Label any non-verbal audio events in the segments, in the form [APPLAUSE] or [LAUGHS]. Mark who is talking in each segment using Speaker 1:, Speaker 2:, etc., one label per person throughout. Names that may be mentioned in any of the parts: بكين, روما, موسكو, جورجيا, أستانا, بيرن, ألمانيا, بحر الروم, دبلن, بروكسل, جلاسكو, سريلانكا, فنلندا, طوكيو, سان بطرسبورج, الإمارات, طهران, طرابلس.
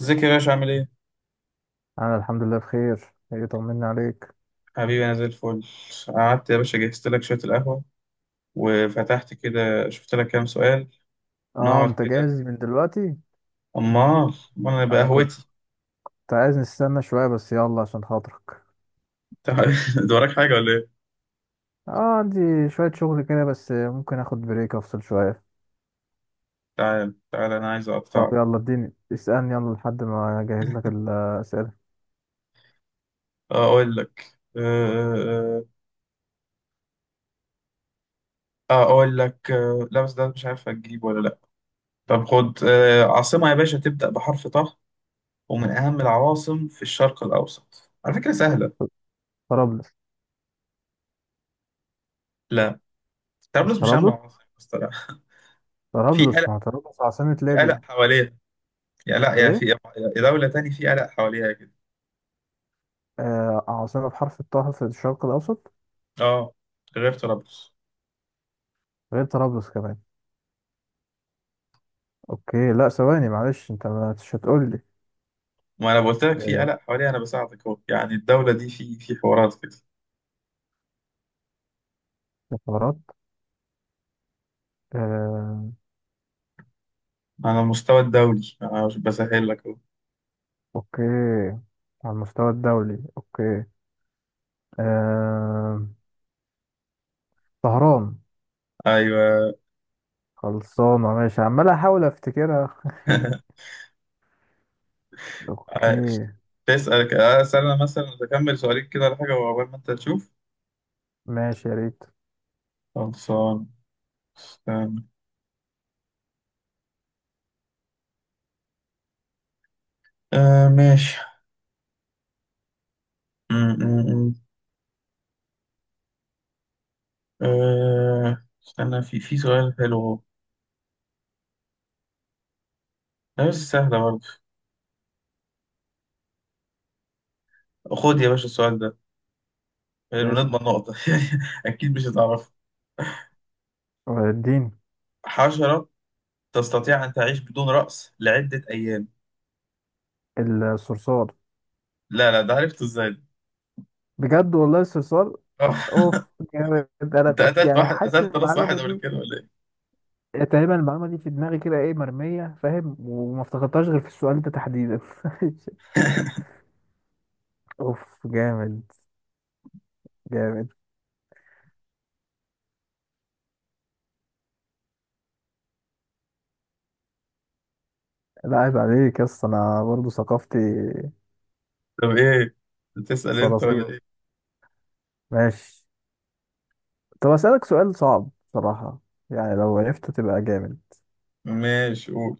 Speaker 1: ازيك يا باشا عامل ايه؟
Speaker 2: انا الحمد لله بخير. ايه، طمني عليك.
Speaker 1: حبيبي انا زي الفل. قعدت يا باشا جهزت لك شوية القهوة وفتحت كده شفت لك كام سؤال.
Speaker 2: اه
Speaker 1: نقعد
Speaker 2: انت
Speaker 1: كده.
Speaker 2: جاهز من دلوقتي؟
Speaker 1: امال امال انا
Speaker 2: انا كنت
Speaker 1: بقهوتي.
Speaker 2: عايز نستنى شويه، بس يلا عشان خاطرك.
Speaker 1: تعال. [LAUGHS] ده وراك حاجة ولا ايه؟
Speaker 2: اه عندي شويه شغل كده، بس ممكن اخد بريك افصل شويه.
Speaker 1: تعال تعال انا عايز
Speaker 2: طب
Speaker 1: اقطعك.
Speaker 2: يلا اديني، اسالني يلا لحد ما اجهز لك الاسئله.
Speaker 1: آه، اقول لك آه، آه، اقول لك آه، لا بس ده مش عارف هتجيب ولا لا. طب خد عاصمة يا باشا تبدأ بحرف طه، ومن اهم العواصم في الشرق الاوسط، على فكرة سهلة.
Speaker 2: طرابلس.
Speaker 1: لا.
Speaker 2: مش
Speaker 1: طرابلس مش اهم
Speaker 2: طرابلس؟
Speaker 1: عاصمة بس طلع. [LAUGHS] في قلق
Speaker 2: طرابلس، ما هو طرابلس عاصمه
Speaker 1: في قلق
Speaker 2: ليبيا.
Speaker 1: حواليها. يا لا يا
Speaker 2: ايه؟
Speaker 1: في يا دولة تاني في قلق حواليها كده.
Speaker 2: آه، عاصمه بحرف الطاء في الشرق الاوسط
Speaker 1: اه. غير طرابلس.
Speaker 2: غير طرابلس كمان. اوكي، لا ثواني معلش، انت مش هتقول لي؟
Speaker 1: ما انا قلت لك في
Speaker 2: آه
Speaker 1: قلق حواليها، انا بساعدك اهو، يعني الدولة دي في حوارات كده
Speaker 2: الإمارات.
Speaker 1: على المستوى الدولي، انا مش بسهل لك اهو.
Speaker 2: اوكي، على المستوى الدولي، اوكي. آه... طهران.
Speaker 1: ايوه.
Speaker 2: خلصانة، ماشي، عمال احاول افتكرها.
Speaker 1: [LAUGHS]
Speaker 2: اوكي.
Speaker 1: عايش. اسأل انا مثلا، اكمل سؤالين كده ولا حاجة وعقبال ما انت تشوف.
Speaker 2: ماشي، يا ريت.
Speaker 1: خلصان. استنى. آه ماشي. م- م- م. آه استنى، في سؤال حلو اهو. لا، بس سهلة برضه. خد يا باشا السؤال ده، حلو
Speaker 2: بس
Speaker 1: نضمن نقطة. [LAUGHS] أكيد مش هتعرف.
Speaker 2: الدين.
Speaker 1: حشرة تستطيع أن تعيش بدون رأس لعدة أيام.
Speaker 2: الصرصار.
Speaker 1: لا لا، ده عرفته إزاي ده؟
Speaker 2: بجد والله الصرصار.
Speaker 1: آه.
Speaker 2: اوف،
Speaker 1: [LAUGHS]
Speaker 2: جامد. انا
Speaker 1: أنت
Speaker 2: كنت يعني حاسس إن
Speaker 1: قتلت راس
Speaker 2: المعلومة
Speaker 1: واحد قبل
Speaker 2: دي،
Speaker 1: كده ولا إيه؟
Speaker 2: تقريبا المعلومة دي في دماغي كده، ايه، مرمية، فاهم، وما افتكرتهاش غير في السؤال ده تحديدا. [LAUGHS] اوف جامد. جامد. لا عيب عليك يا اسطى، انا برضه ثقافتي
Speaker 1: طب إيه؟ بتسأل أنت ولا
Speaker 2: صراصير.
Speaker 1: إيه؟
Speaker 2: ماشي. طب أسألك سؤال صعب بصراحة، يعني لو عرفته تبقى جامد.
Speaker 1: ماشي قول.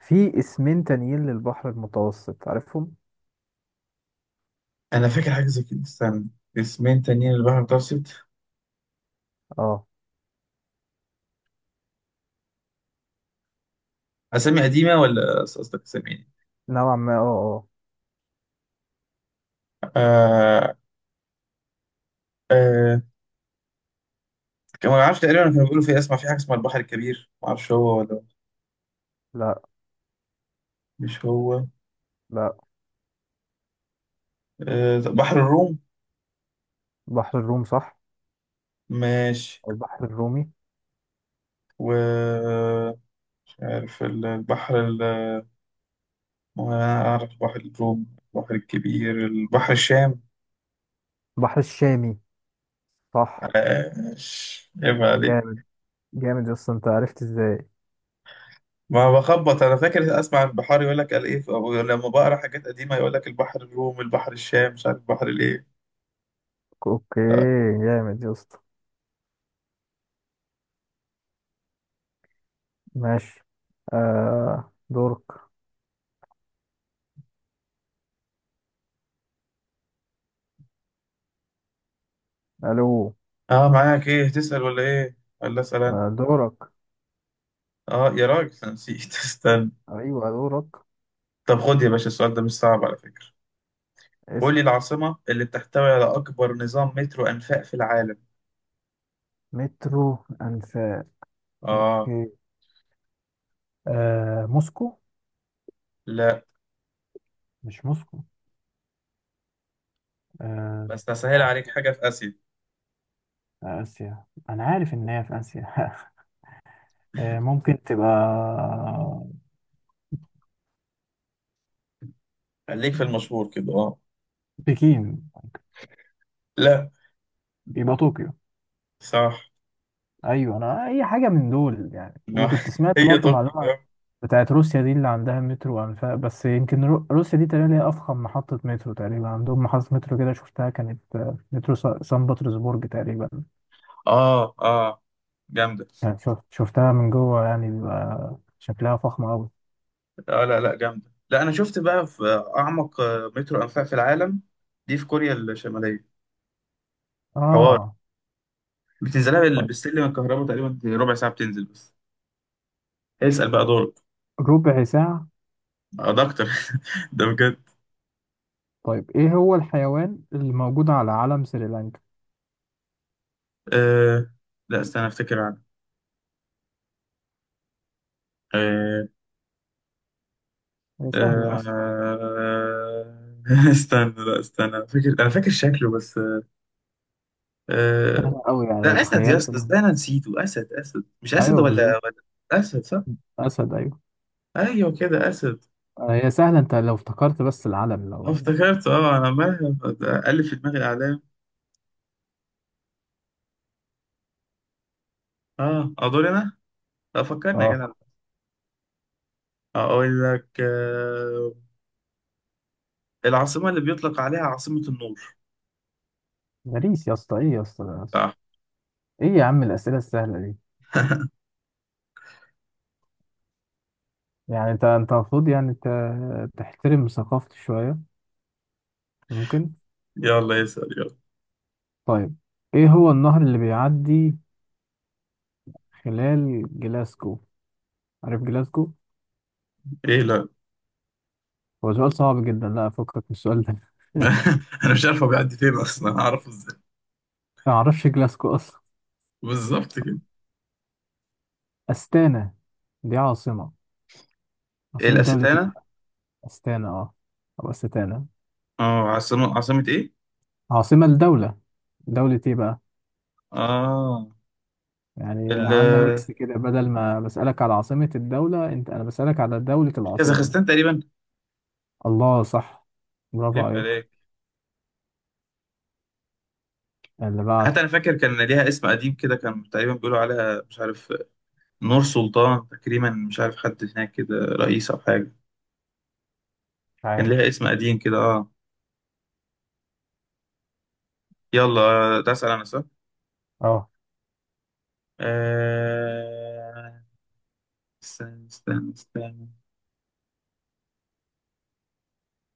Speaker 2: في اسمين تانيين للبحر المتوسط عارفهم؟
Speaker 1: أنا فاكر حاجة زي كده، استنى. اسمين تانيين للبحر المتوسط.
Speaker 2: اه.
Speaker 1: أسامي قديمة ولا قصدك أسامي إيه؟
Speaker 2: نوعا ما، اه اه.
Speaker 1: آه آه. كان ما أعرفش، تقريبا كانوا بيقولوا في، اسمع في حاجة اسمها البحر الكبير، ما أعرفش هو ولا.
Speaker 2: لا
Speaker 1: مش هو.
Speaker 2: لا.
Speaker 1: آه، بحر الروم.
Speaker 2: بحر الروم صح.
Speaker 1: ماشي.
Speaker 2: أو البحر الرومي.
Speaker 1: و مش عارف البحر. وأنا أعرف بحر الروم، البحر الكبير، البحر الشام.
Speaker 2: بحر الشامي صح.
Speaker 1: آه، عيب عليك.
Speaker 2: جامد. جامد يا اسطى، انت عرفت ازاي؟
Speaker 1: ما بخبط، أنا فاكر أسمع البحار يقول لك قال إيه، أو لما بقرا حاجات قديمة يقول لك البحر الروم، البحر الشام، مش عارف البحر الإيه.
Speaker 2: اوكي.
Speaker 1: آه.
Speaker 2: جامد يا اسطى. ماشي. آه دورك. الو.
Speaker 1: آه، معاك إيه، تسأل ولا إيه، ولا أسأل أنا؟
Speaker 2: آه دورك.
Speaker 1: آه يا راجل، أنا نسيت. [LAUGHS] استنى.
Speaker 2: ايوه دورك.
Speaker 1: طب خد يا باشا السؤال ده، مش صعب على فكرة. قول لي
Speaker 2: اسأل.
Speaker 1: العاصمة اللي بتحتوي على أكبر نظام مترو أنفاق في العالم.
Speaker 2: مترو انفاق؟
Speaker 1: آه.
Speaker 2: اوكي. موسكو.
Speaker 1: لا،
Speaker 2: مش موسكو؟ آه،
Speaker 1: بس أسهل عليك،
Speaker 2: عاصمة.
Speaker 1: حاجة في آسيا.
Speaker 2: آسيا، أنا عارف إن هي في آسيا. [LAUGHS] ممكن تبقى
Speaker 1: خليك في المشهور كده، آه.
Speaker 2: بكين.
Speaker 1: لا.
Speaker 2: يبقى طوكيو.
Speaker 1: صح.
Speaker 2: أيوة أنا أي حاجة من دول يعني، وكنت
Speaker 1: [LAUGHS]
Speaker 2: سمعت
Speaker 1: هي
Speaker 2: برضو
Speaker 1: تقني
Speaker 2: معلومة
Speaker 1: فاهم.
Speaker 2: بتاعت روسيا دي اللي عندها مترو وأنفاق، بس يمكن روسيا دي تقريبا هي أفخم محطة مترو. تقريبا عندهم محطة مترو كده شفتها، كانت مترو سان بطرسبورج تقريبا.
Speaker 1: اه اه. جامده.
Speaker 2: يعني شفتها من جوه، يعني بيبقى شكلها فخم أوي.
Speaker 1: اه، لا لا جامده، لا انا شفت بقى في اعمق مترو انفاق في العالم. دي في كوريا الشماليه. حوار.
Speaker 2: آه.
Speaker 1: بتنزلها
Speaker 2: طيب.
Speaker 1: بالسلم الكهرباء تقريبا ربع ساعه بتنزل بس. اسال بقى، دورك.
Speaker 2: ربع ساعة؟
Speaker 1: آه، ده اكتر. [LAUGHS] ده بجد.
Speaker 2: طيب ايه هو الحيوان اللي موجود على علم سريلانكا؟
Speaker 1: آه. لا استنى افتكر عنه. آه.
Speaker 2: هي سهلة اصلا.
Speaker 1: آه. [LAUGHS] استنى، لا استنى، فاكر انا فاكر شكله بس. آه.
Speaker 2: أوي، يعني لو
Speaker 1: ده اسد يا
Speaker 2: تخيلت
Speaker 1: اسطى،
Speaker 2: مهما.
Speaker 1: ده انا نسيته، اسد اسد، مش اسد
Speaker 2: ايوه
Speaker 1: ولا
Speaker 2: بالظبط.
Speaker 1: اسد صح.
Speaker 2: اسد، ايوه.
Speaker 1: ايوه كده، اسد.
Speaker 2: هي سهلة، انت لو افتكرت بس العلم، لو.
Speaker 1: آه، افتكرت. اه انا عمال الف في دماغي الاعلام. اه ادور انا. لا، فكرني يا
Speaker 2: اه.
Speaker 1: جدع. اقول لك آه، العاصمه اللي بيطلق عليها عاصمه النور.
Speaker 2: مريس يا اسطى، ايه يا اسطى ده يا اسطى؟
Speaker 1: صح.
Speaker 2: ايه يا عم الاسئلة السهلة دي؟ يعني انت، انت المفروض يعني تحترم ثقافتي شوية. ممكن.
Speaker 1: يلا اسال يلا.
Speaker 2: طيب ايه هو النهر اللي بيعدي خلال جلاسكو؟ عارف جلاسكو؟
Speaker 1: ايه لا. [LAUGHS]
Speaker 2: هو سؤال صعب جدا، لا افكك من السؤال ده. [LAUGHS]
Speaker 1: انا مش عارف هو بيعدي فين اصلا، هعرفه ازاي؟
Speaker 2: ما اعرفش جلاسكو.
Speaker 1: بالظبط كده.
Speaker 2: أستانا. دي عاصمة. عاصمة دولة إيه
Speaker 1: الاستانه.
Speaker 2: بقى؟ أستانا أه. أو أستانا.
Speaker 1: اه، عاصمه عاصمه ايه.
Speaker 2: عاصمة الدولة. دولة إيه بقى؟
Speaker 1: اه.
Speaker 2: يعني
Speaker 1: ال
Speaker 2: عملنا ميكس كده، بدل ما بسألك على عاصمة الدولة، أنت أنا بسألك على دولة العاصمة.
Speaker 1: كازاخستان تقريبا.
Speaker 2: الله، صح. برافو
Speaker 1: عيب
Speaker 2: عليك.
Speaker 1: عليك.
Speaker 2: اللي بعده.
Speaker 1: حتى انا فاكر كان ليها اسم قديم كده، كان تقريبا بيقولوا عليها مش عارف، نور سلطان تقريبا، مش عارف حد هناك كده رئيس أو حاجة.
Speaker 2: مش
Speaker 1: كان
Speaker 2: عارف.
Speaker 1: ليها اسم قديم كده، اه. يلا ده أسأل أنا، صح؟
Speaker 2: اه.
Speaker 1: آه، استنى استنى استنى.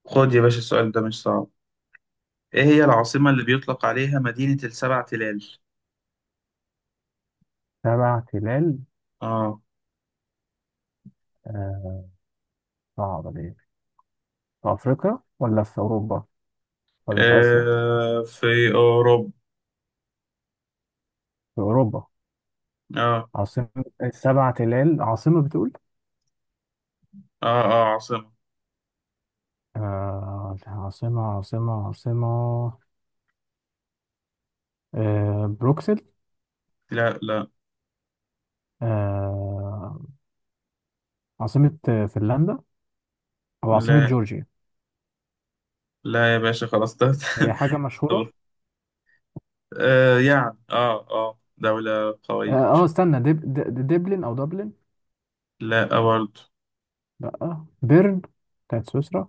Speaker 1: خد يا باشا السؤال ده، مش صعب. إيه هي العاصمة اللي بيطلق عليها مدينة السبع تلال؟
Speaker 2: سبع تلال.
Speaker 1: اه.
Speaker 2: آه، صعبة دي. في أفريقيا ولا في أوروبا ولا في آسيا؟
Speaker 1: آه، في أوروبا.
Speaker 2: في أوروبا.
Speaker 1: اه
Speaker 2: عاصمة السبع تلال، عاصمة بتقول؟
Speaker 1: اه اه، عاصمة.
Speaker 2: آه، عاصمة عاصمة عاصمة. بروكسل.
Speaker 1: لا لا
Speaker 2: آه، عاصمة فنلندا. أو عاصمة
Speaker 1: لا
Speaker 2: جورجيا.
Speaker 1: لا يا باشا خلاص ده. [LAUGHS]
Speaker 2: هي حاجة مشهورة.
Speaker 1: طب. يعني دولة
Speaker 2: اه.
Speaker 1: قوية، مش فاكر.
Speaker 2: استنى، دبلن. أو دبلن.
Speaker 1: لا، برضه.
Speaker 2: لأ بيرن، بتاعت سويسرا.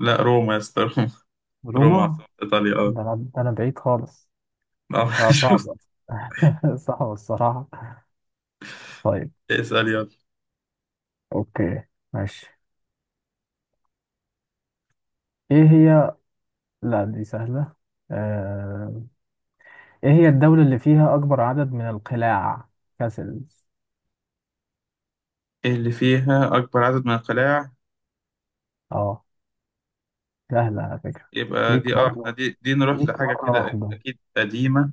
Speaker 1: لا، روما يا اسطى. [LAUGHS] روما
Speaker 2: روما.
Speaker 1: عاصمة إيطاليا، أه.
Speaker 2: ده أنا، ده أنا بعيد خالص.
Speaker 1: آه. [LAUGHS]
Speaker 2: لا
Speaker 1: شوف.
Speaker 2: صعبة. [LAUGHS] صعبة الصراحة. طيب.
Speaker 1: اسأل يلا.
Speaker 2: أوكي. ماشي. إيه هي، لا دي سهلة. آه... إيه هي الدولة اللي فيها أكبر عدد من القلاع، كاسلز؟
Speaker 1: إيه اللي فيها أكبر عدد من القلاع؟
Speaker 2: أه. سهلة على فكرة.
Speaker 1: يبقى
Speaker 2: ليك
Speaker 1: دي، إحنا
Speaker 2: مرة،
Speaker 1: دي، نروح
Speaker 2: ليك
Speaker 1: لحاجة
Speaker 2: مرة
Speaker 1: كده
Speaker 2: واحدة،
Speaker 1: أكيد قديمة.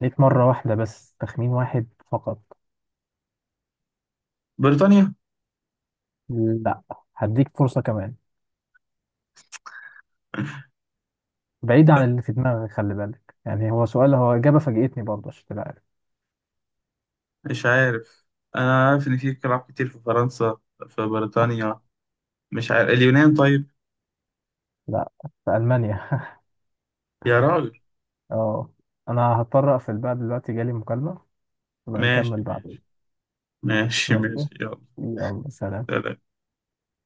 Speaker 2: ليك مرة واحدة بس، تخمين واحد فقط.
Speaker 1: بريطانيا.
Speaker 2: لا. هديك فرصة كمان.
Speaker 1: [LAUGHS]
Speaker 2: بعيد عن اللي في دماغك، خلي بالك، يعني هو سؤال، هو إجابة فاجئتني برضه عشان تبقى عارف.
Speaker 1: مش عارف. أنا عارف إن في قلاع كتير في فرنسا، في بريطانيا، مش عارف، اليونان طيب.
Speaker 2: لا. في ألمانيا. [LAUGHS]
Speaker 1: يا راجل.
Speaker 2: اه. أنا هضطر أقفل بقى دلوقتي، جالي مكالمة،
Speaker 1: ماشي
Speaker 2: ونكمل
Speaker 1: ماشي.
Speaker 2: بعدين.
Speaker 1: ماشي
Speaker 2: ماشي.
Speaker 1: ماشي يلا،
Speaker 2: يلا سلام.
Speaker 1: سلام.